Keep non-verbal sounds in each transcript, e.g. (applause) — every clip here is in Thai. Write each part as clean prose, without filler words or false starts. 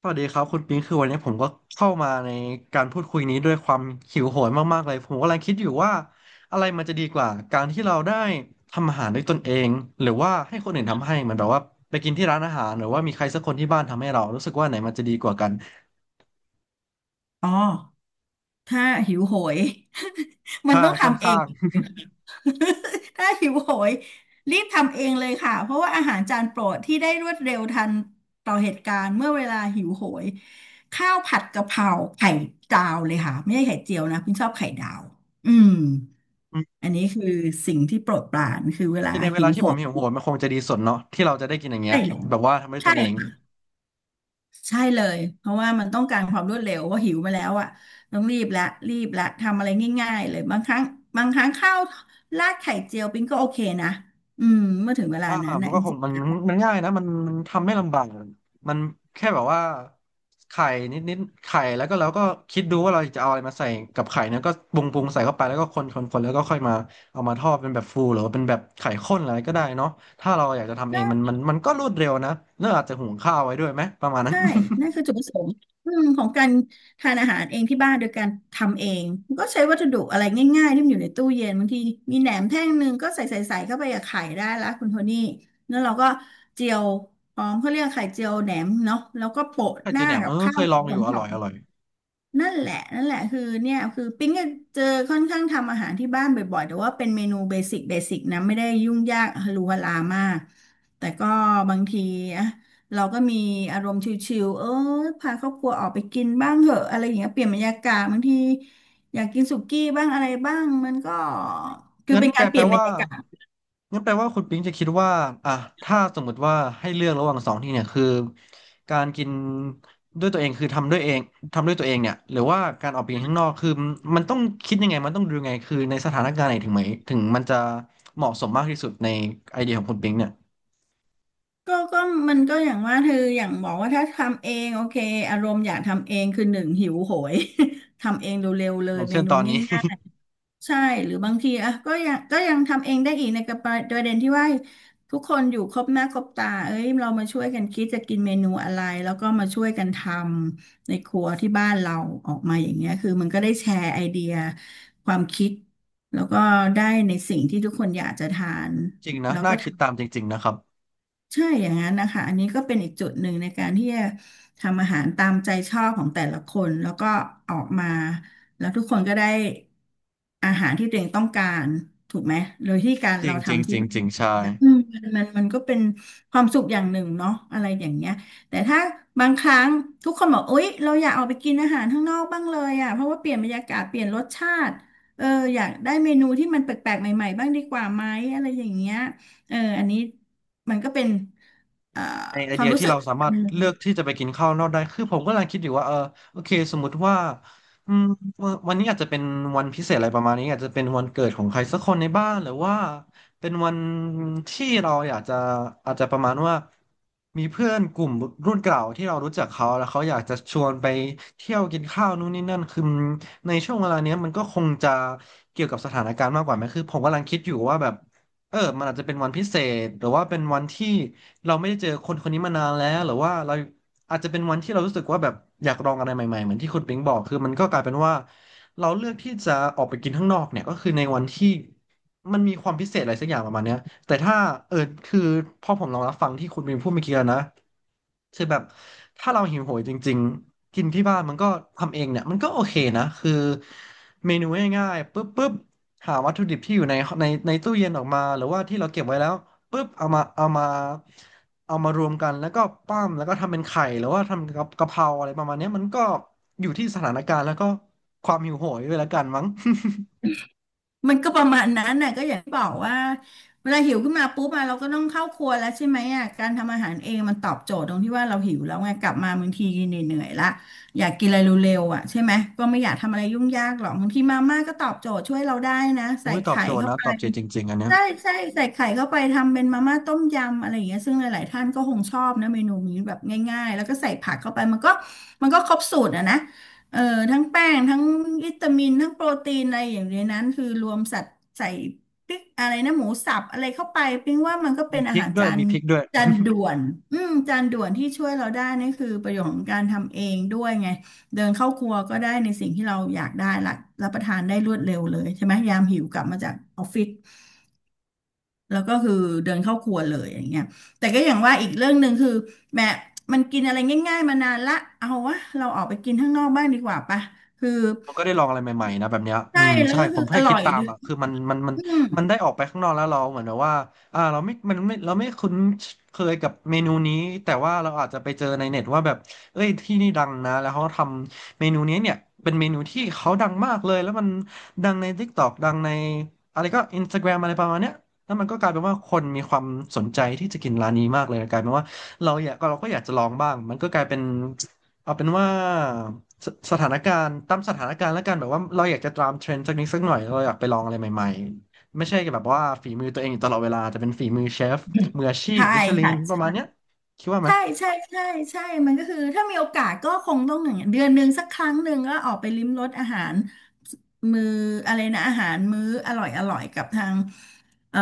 สวัสดีครับคุณปิงคือวันนี้ผมก็เข้ามาในการพูดคุยนี้ด้วยความหิวโหยมากๆเลยผมกำลังคิดอยู่ว่าอะไรมันจะดีกว่าการที่เราได้ทำอาหารด้วยตนเองหรือว่าให้คนอื่นทำให้เหมือนแบบว่าไปกินที่ร้านอาหารหรือว่ามีใครสักคนที่บ้านทำให้เรารู้สึกว่าไหนมันจะดีกว่ากันอ๋อถ้าหิวโหย (laughs) มันใช่ต้องค่อนทำเอข้าง ง (laughs) ถ้าหิวโหยรีบทำเองเลยค่ะเพราะว่าอาหารจานโปรดที่ได้รวดเร็วทันต่อเหตุการณ์เมื่อเวลาหิวโหยข้าวผัดกะเพราไข่ดาวเลยค่ะไม่ใช่ไข่เจียวนะพี่ชอบไข่ดาวอืมอันนี้คือสิ่งที่โปรดปรานคือเว (laughs) ลาคือในเวหิลาวที่โหผมหิยวโหยมันคงจะดีสุดเนาะที่เราจะได้กินอย่างเงี้ได้ยแล้วแบบว่าทำด้วยตใช่ นเอง ใช่เลยเพราะว่ามันต้องการความรวดเร็วว่าหิวมาแล้วอ่ะต้องรีบละรีบละทำอะไรง่ายๆเลยบางครั้งข้าวราดไข่เจียวปิ้งก็โอเคนะเมื่อถึงเวลาอ่านั้นมันะนก็จคงริงมัๆนแล้มันวมันง่ายนะมันทำไม่ลำบากมันแค่แบบว่าไข่นิดนิดไข่แล้วก็เราก็คิดดูว่าเราจะเอาอะไรมาใส่กับไข่เนี่ยก็ปรุงปรุงใส่เข้าไปแล้วก็คนคนคนแล้วก็ค่อยมาเอามาทอดเป็นแบบฟูหรือว่าเป็นแบบไข่ข้นอะไรก็ได้เนาะถ้าเราอยากจะทำใชเองมัน่มันมันก็รวดเร็วนะเน้วอาจจะหุงข้าวไว้ด้วยไหมประมาณนั้น ใช่นั่นคือ (laughs) จุดประสงค์ของการทานอาหารเองที่บ้านโดยการทำเองก็ใช้วัตถุดิบอะไรง่ายๆที่มันอยู่ในตู้เย็นบางทีมีแหนมแท่งหนึ่งก็ใส่เข้าไปกับไข่ได้ละคุณโทนี่แล้วเราก็เจียวพร้อมเขาเรียกไข่เจียวแหนมเนาะแล้วก็โปะไข่หเจียน้าวแหนมกัเอบอข้าเควยลสอวงยหอยู่ออร่อยม อร่อย นั่นแหละนั่นแหละคือเนี่ยคือปิ๊งก็เจอค่อนข้างทำอาหารที่บ้านบ่อยๆแต่ว่าเป็นเมนูเบสิกเบสิกนะไม่ได้ยุ่งยากฮาลูฮาลามากแต่ก็บางทีอะเราก็มีอารมณ์ชิลๆเออพาครอบครัวออกไปกินบ้างเหอะอะไรอย่างเงี้ยเปลี่ยนบรรยากาศบางทีอยากกินสุกี้บ้างอะไรบ้างมันก็คืองั้นเป็นแกการเปแปลลี่ยนบรว่ารยากาศงั้นแปลว่าคุณปิงจะคิดว่าอ่ะถ้าสมมุติว่าให้เลือกระหว่างสองที่เนี่ยคือการกินด้วยตัวเองคือทำด้วยตัวเองเนี่ยหรือว่าการออกไปกินข้างนอกคือมันต้องคิดยังไงมันต้องดูยังไงคือในสถานการณ์ไหนถึงไหมถึงมันจะเหมาะสมมากที่สุดในไอเดียของคุณปิงเนี่ยก็มันก็อย่างว่าเธออย่างบอกว่าถ้าทำเองโอเคอารมณ์อยากทำเองคือหนึ่งหิวโหย (laughs) ทำเองเร็วๆเลอยย่างเมเช่นนูตอนนี้ ง่ายๆ ใช่หรือบางทีอ่ะก็ยังทำเองได้อีกในกระประเด็นที่ว่าทุกคนอยู่ครบหน้าครบตาเอ้ยเรามาช่วยกันคิดจะกินเมนูอะไรแล้วก็มาช่วยกันทำในครัวที่บ้านเราออกมาอย่างเงี้ยคือมันก็ได้แชร์ไอเดียความคิดแล้วก็ได้ในสิ่งที่ทุกคนอยากจะทาน (laughs) จริงนะแล้วน่าก็คิดทำ ตามจริงๆนะครับใช่อย่างนั้นนะคะอันนี้ก็เป็นอีกจุดหนึ่งในการที่จะทำอาหารตามใจชอบของแต่ละคนแล้วก็ออกมาแล้วทุกคนก็ได้อาหารที่ตัวเองต้องการถูกไหมโดยที่การจริเรางจริงทำจที่ริงบ้าจนริงใช่ นะมันก็เป็นความสุขอย่างหนึ่งเนาะอะไรอย่างเงี้ยแต่ถ้าบางครั้งทุกคนบอกอุ๊ยเราอยากออกไปกินอาหารข้างนอกบ้างเลยอ่ะเพราะว่าเปลี่ยนบรรยากาศเปลี่ยนรสชาติเอออยากได้เมนูที่มันแปลกๆใหม่ๆบ้างดีกว่าไหมอะไรอย่างเงี้ยเอออันนี้ มันก็เป็นเอ่อในไอควาเดีมยรู้ที่สึกเราสาอัมานรถหนึ่เลืองกที่จะไปกินข้าวนอกได้คือผมก็กำลังคิดอยู่ว่าโอเคสมมุติว่าอืมวันนี้อาจจะเป็นวันพิเศษอะไรประมาณนี้อาจจะเป็นวันเกิดของใครสักคนในบ้านหรือว่าเป็นวันที่เราอยากจะอาจจะประมาณว่ามีเพื่อนกลุ่มรุ่นเก่าที่เรารู้จักเขาแล้วเขาอยากจะชวนไปเที่ยวกินข้าวนู่นนี่นั่นคือในช่วงเวลาเนี้ยมันก็คงจะเกี่ยวกับสถานการณ์มากกว่าไหมคือผมกำลังคิดอยู่ว่าแบบเออมันอาจจะเป็นวันพิเศษหรือว่าเป็นวันที่ เราไม่ได้เจอคนคนนี้มานานแล้วหรือว่าเราอาจจะเป็นวันที่เรารู้สึกว่าแบบอยากลองอะไรใหม่ๆเหมือนที่คุณปิงบอกคือมันก็กลายเป็นว่าเราเลือกที่จะออกไปกินข้างนอกเนี่ยก็คือในวันที่มันมีความพิเศษอะไรสักอย่างประมาณเนี้ยแต่ถ้าเออคือพอผมลองรับฟังที่คุณปิงพูดเมื่อกี้แล้วนะคือแบบถ้าเราหิวโหยจริงๆกินที่บ้านมันก็ทำเองเนี่ยมันก็โอเคนะคือเมนูง่ายๆปุ๊บปุ๊บหาวัตถุดิบที่อยู่ในตู้เย็นออกมาหรือว่าที่เราเก็บไว้แล้ว ปุ๊บเอามารวมกันแล้วก็ปั้มแล้วก็ทำเป็นไข่หรือว่าทำกับกะเพราอะไรประมาณเนี้ยมันก็อยู่ที่สถานการณ์แล้วก็ความหิวโหยด้วยละกันมั้ง มันก็ประมาณนั้นน่ะก็อย่างที่บอกว่าเวลาหิวขึ้นมาปุ๊บอะเราก็ต้องเข้าครัวแล้วใช่ไหมอ่ะการทำอาหารเองมันตอบโจทย์ตรงที่ว่าเราหิวแล้วไงกลับมาบางทีเหนื่อยๆละอยากกินอะไรเร็วๆอ่ะใช่ไหมก็ไม่อยากทำอะไรยุ่งยากหรอกบางทีมาม่าก็ตอบโจทย์ช่วยเราได้นะ (laughs) โอ้ใส่ยตอบไข่โจทย์เข้านะไปตอบโจทย์จริงๆอันเนี้ยใช่ใช่ใส่ไข่เข้าไปทำเป็นมาม่าต้มยำอะไรอย่างเงี้ยซึ่งหลายๆท่านก็คงชอบนะเมนูนี้แบบง่ายๆแล้วก็ใส่ผักเข้าไปมันก็มันก็ครบสูตรอะนะ เออทั้งแป้งทั้งวิตามินทั้งโปรตีนอะไรอย่างในนั้นคือรวมสัตว์ใส่ปิ๊กอะไรนะหมูสับอะไรเข้าไปปิ๊งว่ามันก็เป็มีนพอาริกหารด้วจายนมีพริกด้วย จานด่วนจานด่วนที่ช่วยเราได้นี่คือประโยชน์ของการทำเองด้วยไงเดินเข้าครัวก็ได้ในสิ่งที่เราอยากได้ละรับประทานได้รวดเร็วเลยใช่ไหมยามหิวกลับมาจากออฟฟิศ แล้วก็คือเดินเข้าครัวเลยอย่างเงี้ยแต่ก็อย่างว่าอีกเรื่องหนึ่งคือแม่มันกินอะไรง่ายๆมานานละเอาวะเราออกไปกินข้างนอกบ้างดีกว่าปะคือมันก็ได้ลองอะไรใหม่ๆนะแบบเนี้ยอืใช่มแล้วใช่ก็ผคืมออแค่ร่คิอดยตามด้วยอ่ะคือมันอืมมันได้ออกไปข้างนอกแล้วเราเหมือนแบบว่าเราไม่คุ้นเคยกับเมนูนี้แต่ว่าเราอาจจะไปเจอในเน็ตว่าแบบเอ้ยที่นี่ดังนะแล้วเขาทำเมนูนี้เนี่ยเป็นเมนูที่เขาดังมากเลยแล้วมันดังใน TikTok ดังในอะไรก็ Instagram อะไรประมาณเนี้ยแล้วมันก็กลายเป็นว่าคนมีความสนใจที่จะกินร้านนี้มากเลยกลายเป็นว่าเราก็อยากจะลองบ้างมันก็กลายเป็นเอาเป็นว่า สสถานการณ์ตามสถานการณ์แล้วกันแบบว่าเราอยากจะตามเทรนด์สักนิดสักหน่อยเราอยากไปลองอะไรใหม่ๆไม่ใช่แบบว่าฝีมือตัวเองอยู่ตลอดเวลาจะเป็นฝีมือเชฟมืออาชีพใช่มิชลิค่นประมาณะ เนี้ยคิดว่าไหมใช่ใช่ใช่ใช่มันก็คือถ้ามีโอกาสก็คงต้องอย่างเงี้ยเดือนหนึ่งสักครั้งหนึ่งก็ออกไปลิ้มรสอาหารมื้ออะไรนะอาหารมื้ออร่อยอร่อยกับทางเอ่อ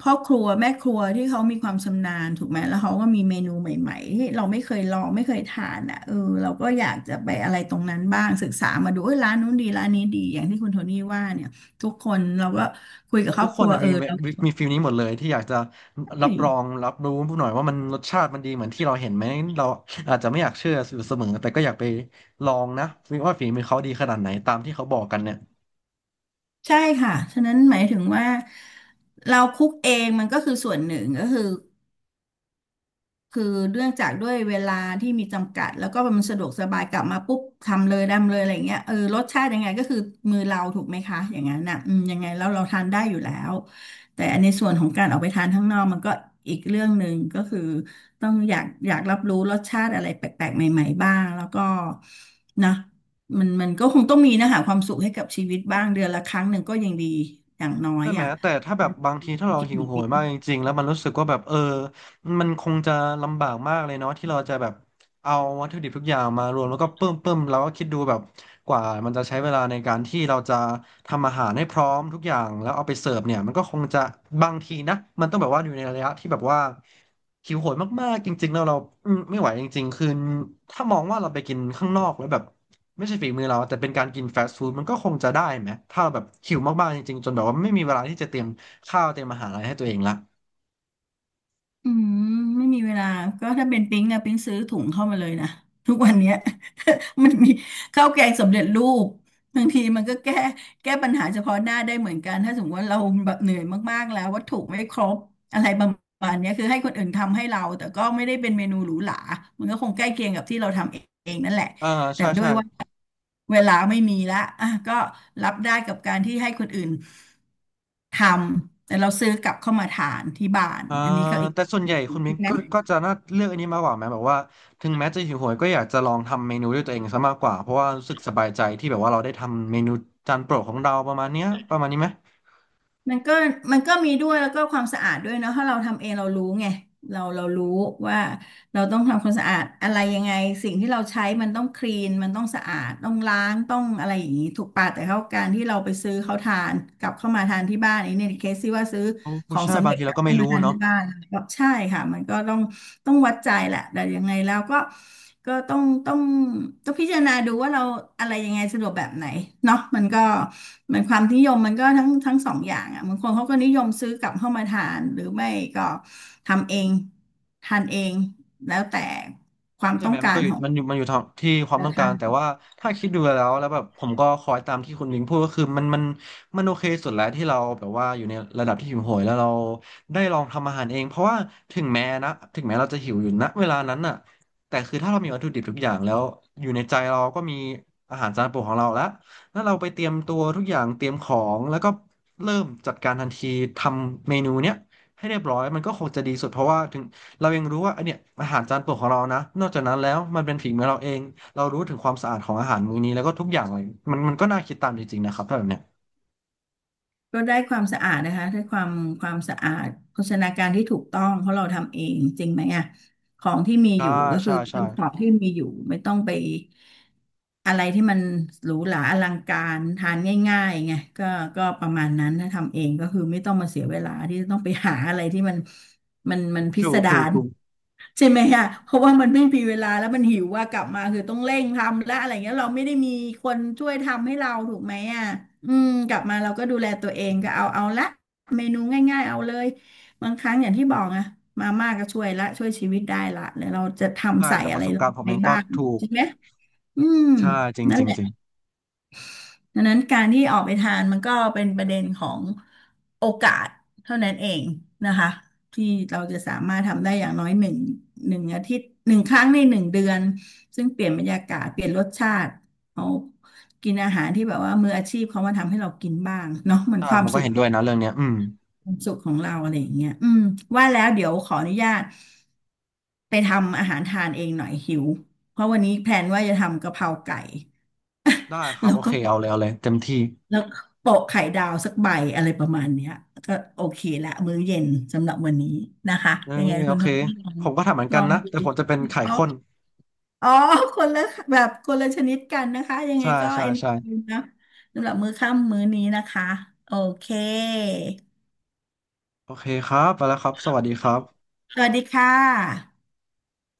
พ่อครัวแม่ครัวที่เขามีความชำนาญถูกไหมแล้วเขาก็มีเมนูใหม่ๆที่เราไม่เคยลองไม่เคยทานอ่ะเออเราก็อยากจะไปอะไรตรงนั้นบ้างศึกษามาดูเอ้ยร้านนู้นดีร้านนี้ดีอย่างที่คุณโทนี่ว่าเนี่ยทุกคนเราก็คุยกับครทุอกบคคนรัวนะเออมีเวแล้วมีมฟีลนี้หมดเลยที่อยากจะรัใช่ บรองรับรูู้้หน่อยว่ามันรสชาติมันดีเหมือนที่เราเห็นไหมเราอาจจะไม่อยากเชื่ออยู่เสมอแต่ก็อยากไปลองนะว่าฝีมือเขาดีขนาดไหนตามที่เขาบอกกันเนี่ย ใช่ค่ะ ฉะนั้นหมายถึงว่าเราคุกเองมันก็คือส่วนหนึ่งก็คือ คือเรื่องจากด้วยเวลาที่มีจำกัดแล้วก็มันสะดวกสบายกลับมาปุ๊บทำเลยทำเลยอะไรอย่างเงี้ยรสชาติยังไงก็คือมือเราถูกไหมคะอย่างนั้นน่ะอืมยังไงแล้วเราทานได้อยู่แล้วแต่ในส่วนของการออกไปทานข้างนอกมันก็อีกเรื่องหนึ่งก็คือต้องอยากอยากรับรู้รสชาติอะไรแปลกๆใหม่ๆบ้างแล้วก็นะมันก็คงต้องมีนะหาความสุขให้กับชีวิตบ้างเดือนละครั้งหนึ่งก็ยังดีอย่างน้อยใช่ไหม อ่ะ แต่ถ้าแบบบางทีถ้าเราหิวโหยมากจริงๆ แล้วมันรู้สึกว่าแบบมันคงจะลำบากมากเลยเนาะที่เราจะแบบ เอาวัตถุดิบทุกอย่างมารวมแล้วก็ปึ้มปึ้มแล้วก็คิดดูแบบกว่ามันจะใช้เวลาในการที่เราจะทำอาหารให้พร้อมทุกอย่างแล้วเอาไปเสิร์ฟเนี่ยมันก็คงจะบางทีนะมันต้องแบบว่าอยู่ในระยะที่แบบว่าหิวโหยมากๆจริงๆแล้วเราไม่ไหวจริงๆคือถ้ามองว่าเราไปกินข้างนอกแล้วแบบไม่ใช่ฝีมือเราแต่เป็นการกินฟาสต์ฟู้ดมันก็คงจะได้ไหมถ้าเราแบบหิวมากๆจริงๆจนแบบว่าไม่มีเวลาที่จะเตรียมข้าวเตรียมอาหารอะไรให้ตัวเองละอืมไม่มีเวลาก็ถ้าเป็นปิ๊งอะปิ๊งซื้อถุงเข้ามาเลยนะ (laughs) ทุกวันเนี้ย (laughs) มันมีข้าวแกงสำเร็จรูปบางทีมันก็แก้ปัญหาเฉพาะหน้าได้เหมือนกันถ้าสมมติว่าเราแบบเหนื่อยมากๆแล้ววัตถุไม่ครบอะไรประมาณเนี้ยคือให้คนอื่นทำให้เราแต่ก็ไม่ได้เป็นเมนูหรูหรามันก็คงใกล้เคียงกับที่เราทำเองนั่นแหละอ่าแต่ใช่ด้วใช่ ยว่าเวลาไม่มีละอ่ะก็รับได้กับการที่ให้คนอื่น ทำแต่เราซื้อกลับเข้ามาทานที่บ้านอ่าอันนี้ก็อีกแต่ส่วนใหอีกญ่อย่างคุณหมิ้นึ่งงก็นะจะน่าเลือกอันนี้มากกว่าไหมแบบว่าถึงแม้จะหิวโหยก็อยากจะลองทำเมนูด้วยตัวเองซะมากกว่าเพราะว่ารู้สึกสบายใจที่แบบว่าเราได้ทำเมนูจานโปรดของเราประมาณเนี้ยประมาณนี้ไหมมันก็มันก็มีด้วยแล้วก็ความสะอาดด้วยเนอะถ้าเราทำเองเรารู้ไงเรารู้ว่า เราต้องทำความสะอาดอะไรยังไงสิ่งที่เราใช้มันต้องคลีนมันต้องสะอาดต้องล้างต้องอะไรอย่างนี้ถูกปะแต่เขาการที่เราไปซื้อเขาทานกลับเข้ามาทานที่บ้านอันนี้ในเคสที่ว่าซื้อโอ้ของใช่สำบางเร็จทีกเราลับก็ไม่เข้ามารู้ทานเนาะ ที่บ้านก็ใช่ค่ะมันก็ต้องวัดใจแหละแต่ยังไงแล้วก็ก็ต้องพิจารณาดูว่าเราอะไรยังไงสะดวกแบบไหนเนาะมันก็มันความนิยมมันก็ทั้งสองอย่างอ่ะบางคนเขาก็นิยมซื้อกลับเข้ามาทานหรือไม่ก็ทำเอง ทานเองแล้วแต่ความใช่ต้ไหอมงมักานก็รอยู่ของมันอยู่ทางที่ความต้นะองกาคะรแต่ว่าถ้าคิดดูแล้วแบบผมก็คอยตามที่คุณลิงพูดก็คือมันโอเคสุดแล้วที่เราแบบว่าอยู่ในระดับที่หิวโหยแล้วเราได้ลองทำอาหารเองเพราะว่าถึงแม้เราจะหิวอยู่ณเวลานั้นน่ะแต่คือถ้าเรามีวัตถุดิบทุกอย่างแล้วอยู่ในใจเราก็มีอาหารจานโปรดของเราแล้วเราไปเตรียมตัวทุกอย่างเตรียมของแล้วก็เริ่มจัดการทันทีทำเมนูเนี้ยให้เรียบร้อยมันก็คงจะดีสุดเพราะว่าถึง เรายังรู้ว่าไอเนี่ยอาหารจานโปรดของเรานะนอกจากนั้นแล้วมันเป็นฝีมือเราเองเรารู้ถึงความสะอาดของอาหารมื้อนี้แล้วก็ทุกอย่างเลยมันก็น่าคิดตามจริงๆนะครับถ้าแบบเนี้ยก็ได้ความสะอาดนะคะได้ความสะอาดโภชนาการที่ถูกต้องเพราะเราทำเองจริงไหมอ่ะของที่มีอใช่ยู่ก็คือใช่ใช่ของที่มีอยู่ไม่ต้องไปอะไรที่มันหรูหราอลังการทานง่ายๆไงก็ก็ประมาณนั้นถ้าทำเองก็คือไม่ต้องมาเสียเวลาที่จะต้องไปหาอะไรที่มันพิถูสกดาถูกร ถูกใช่ไหมอะเพราะว่ามันไม่มีเวลาแล้วมันหิวว่ากลับมาคือต้องเร่งทำและอะไรเงี้ยเราไม่ได้มีคนช่วยทำให้เราถูกไหมอ่ะอืมกลับมาเราก็ดูแลตัวเองก็เอาละเมนูง่ายๆเอาเลยบางครั้งอย่างที่บอกอะมาม่าก็ช่วยละช่วยชีวิตได้ละเดี๋ยวเราจะใช่ทำใส่จากปอะไรระสบลกางรณ์ผมไปเองก็บ้างถูกใช่ไหมอืมใช่จริงนั่จนริงแหละ จริงดังนั้นการที่ออกไปทานมันก็เป็นประเด็นของโอกาสเท่านั้นเองนะคะที่เราจะสามารถทำได้อย่างน้อยหนึ่งอาทิตย์หนึ่งครั้งในหนึ่งเดือนซึ่งเปลี่ยนบรรยากาศเปลี่ยนรสชาติเอากินอาหารที่แบบว่ามืออาชีพเขามาทำให้เรากินบ้างเนาะเหมือนใช่ควาผมมก็สุขเห็นด้วยนะเรื่องเนี้ยอืมความสุขของเราอะไรอย่างเงี้ยอืมว่าแล้วเดี๋ยวขออนุญาตไปทำอาหารทานเองหน่อยหิวเพราะวันนี้แพลนว่าจะทำกะเพราไก่ได้ครับแล้วโอก็ เคเอาเลยเอาเลยเต็มที่แล้วโปะไข่ดาวสักใบอะไรประมาณเนี้ยก็โอเคละมื้อเย็นสำหรับวันนี้นะคะเออยังไงโอคุณโทเคนี่ลองผมก็ทำเหมือนลกัอนงนะดูแต่ผมจะเป็นไข่อ๋อข้นอ๋อคนละคนละชนิดกันนะคะยังไงใช่ก็ใช่เอนจใช่อยนะสำหรับมื้อค่ำมื้อนี้นะคะโอเคโอเคครับไปแล้วครับสวัสดีครับสวัสดีค่ะ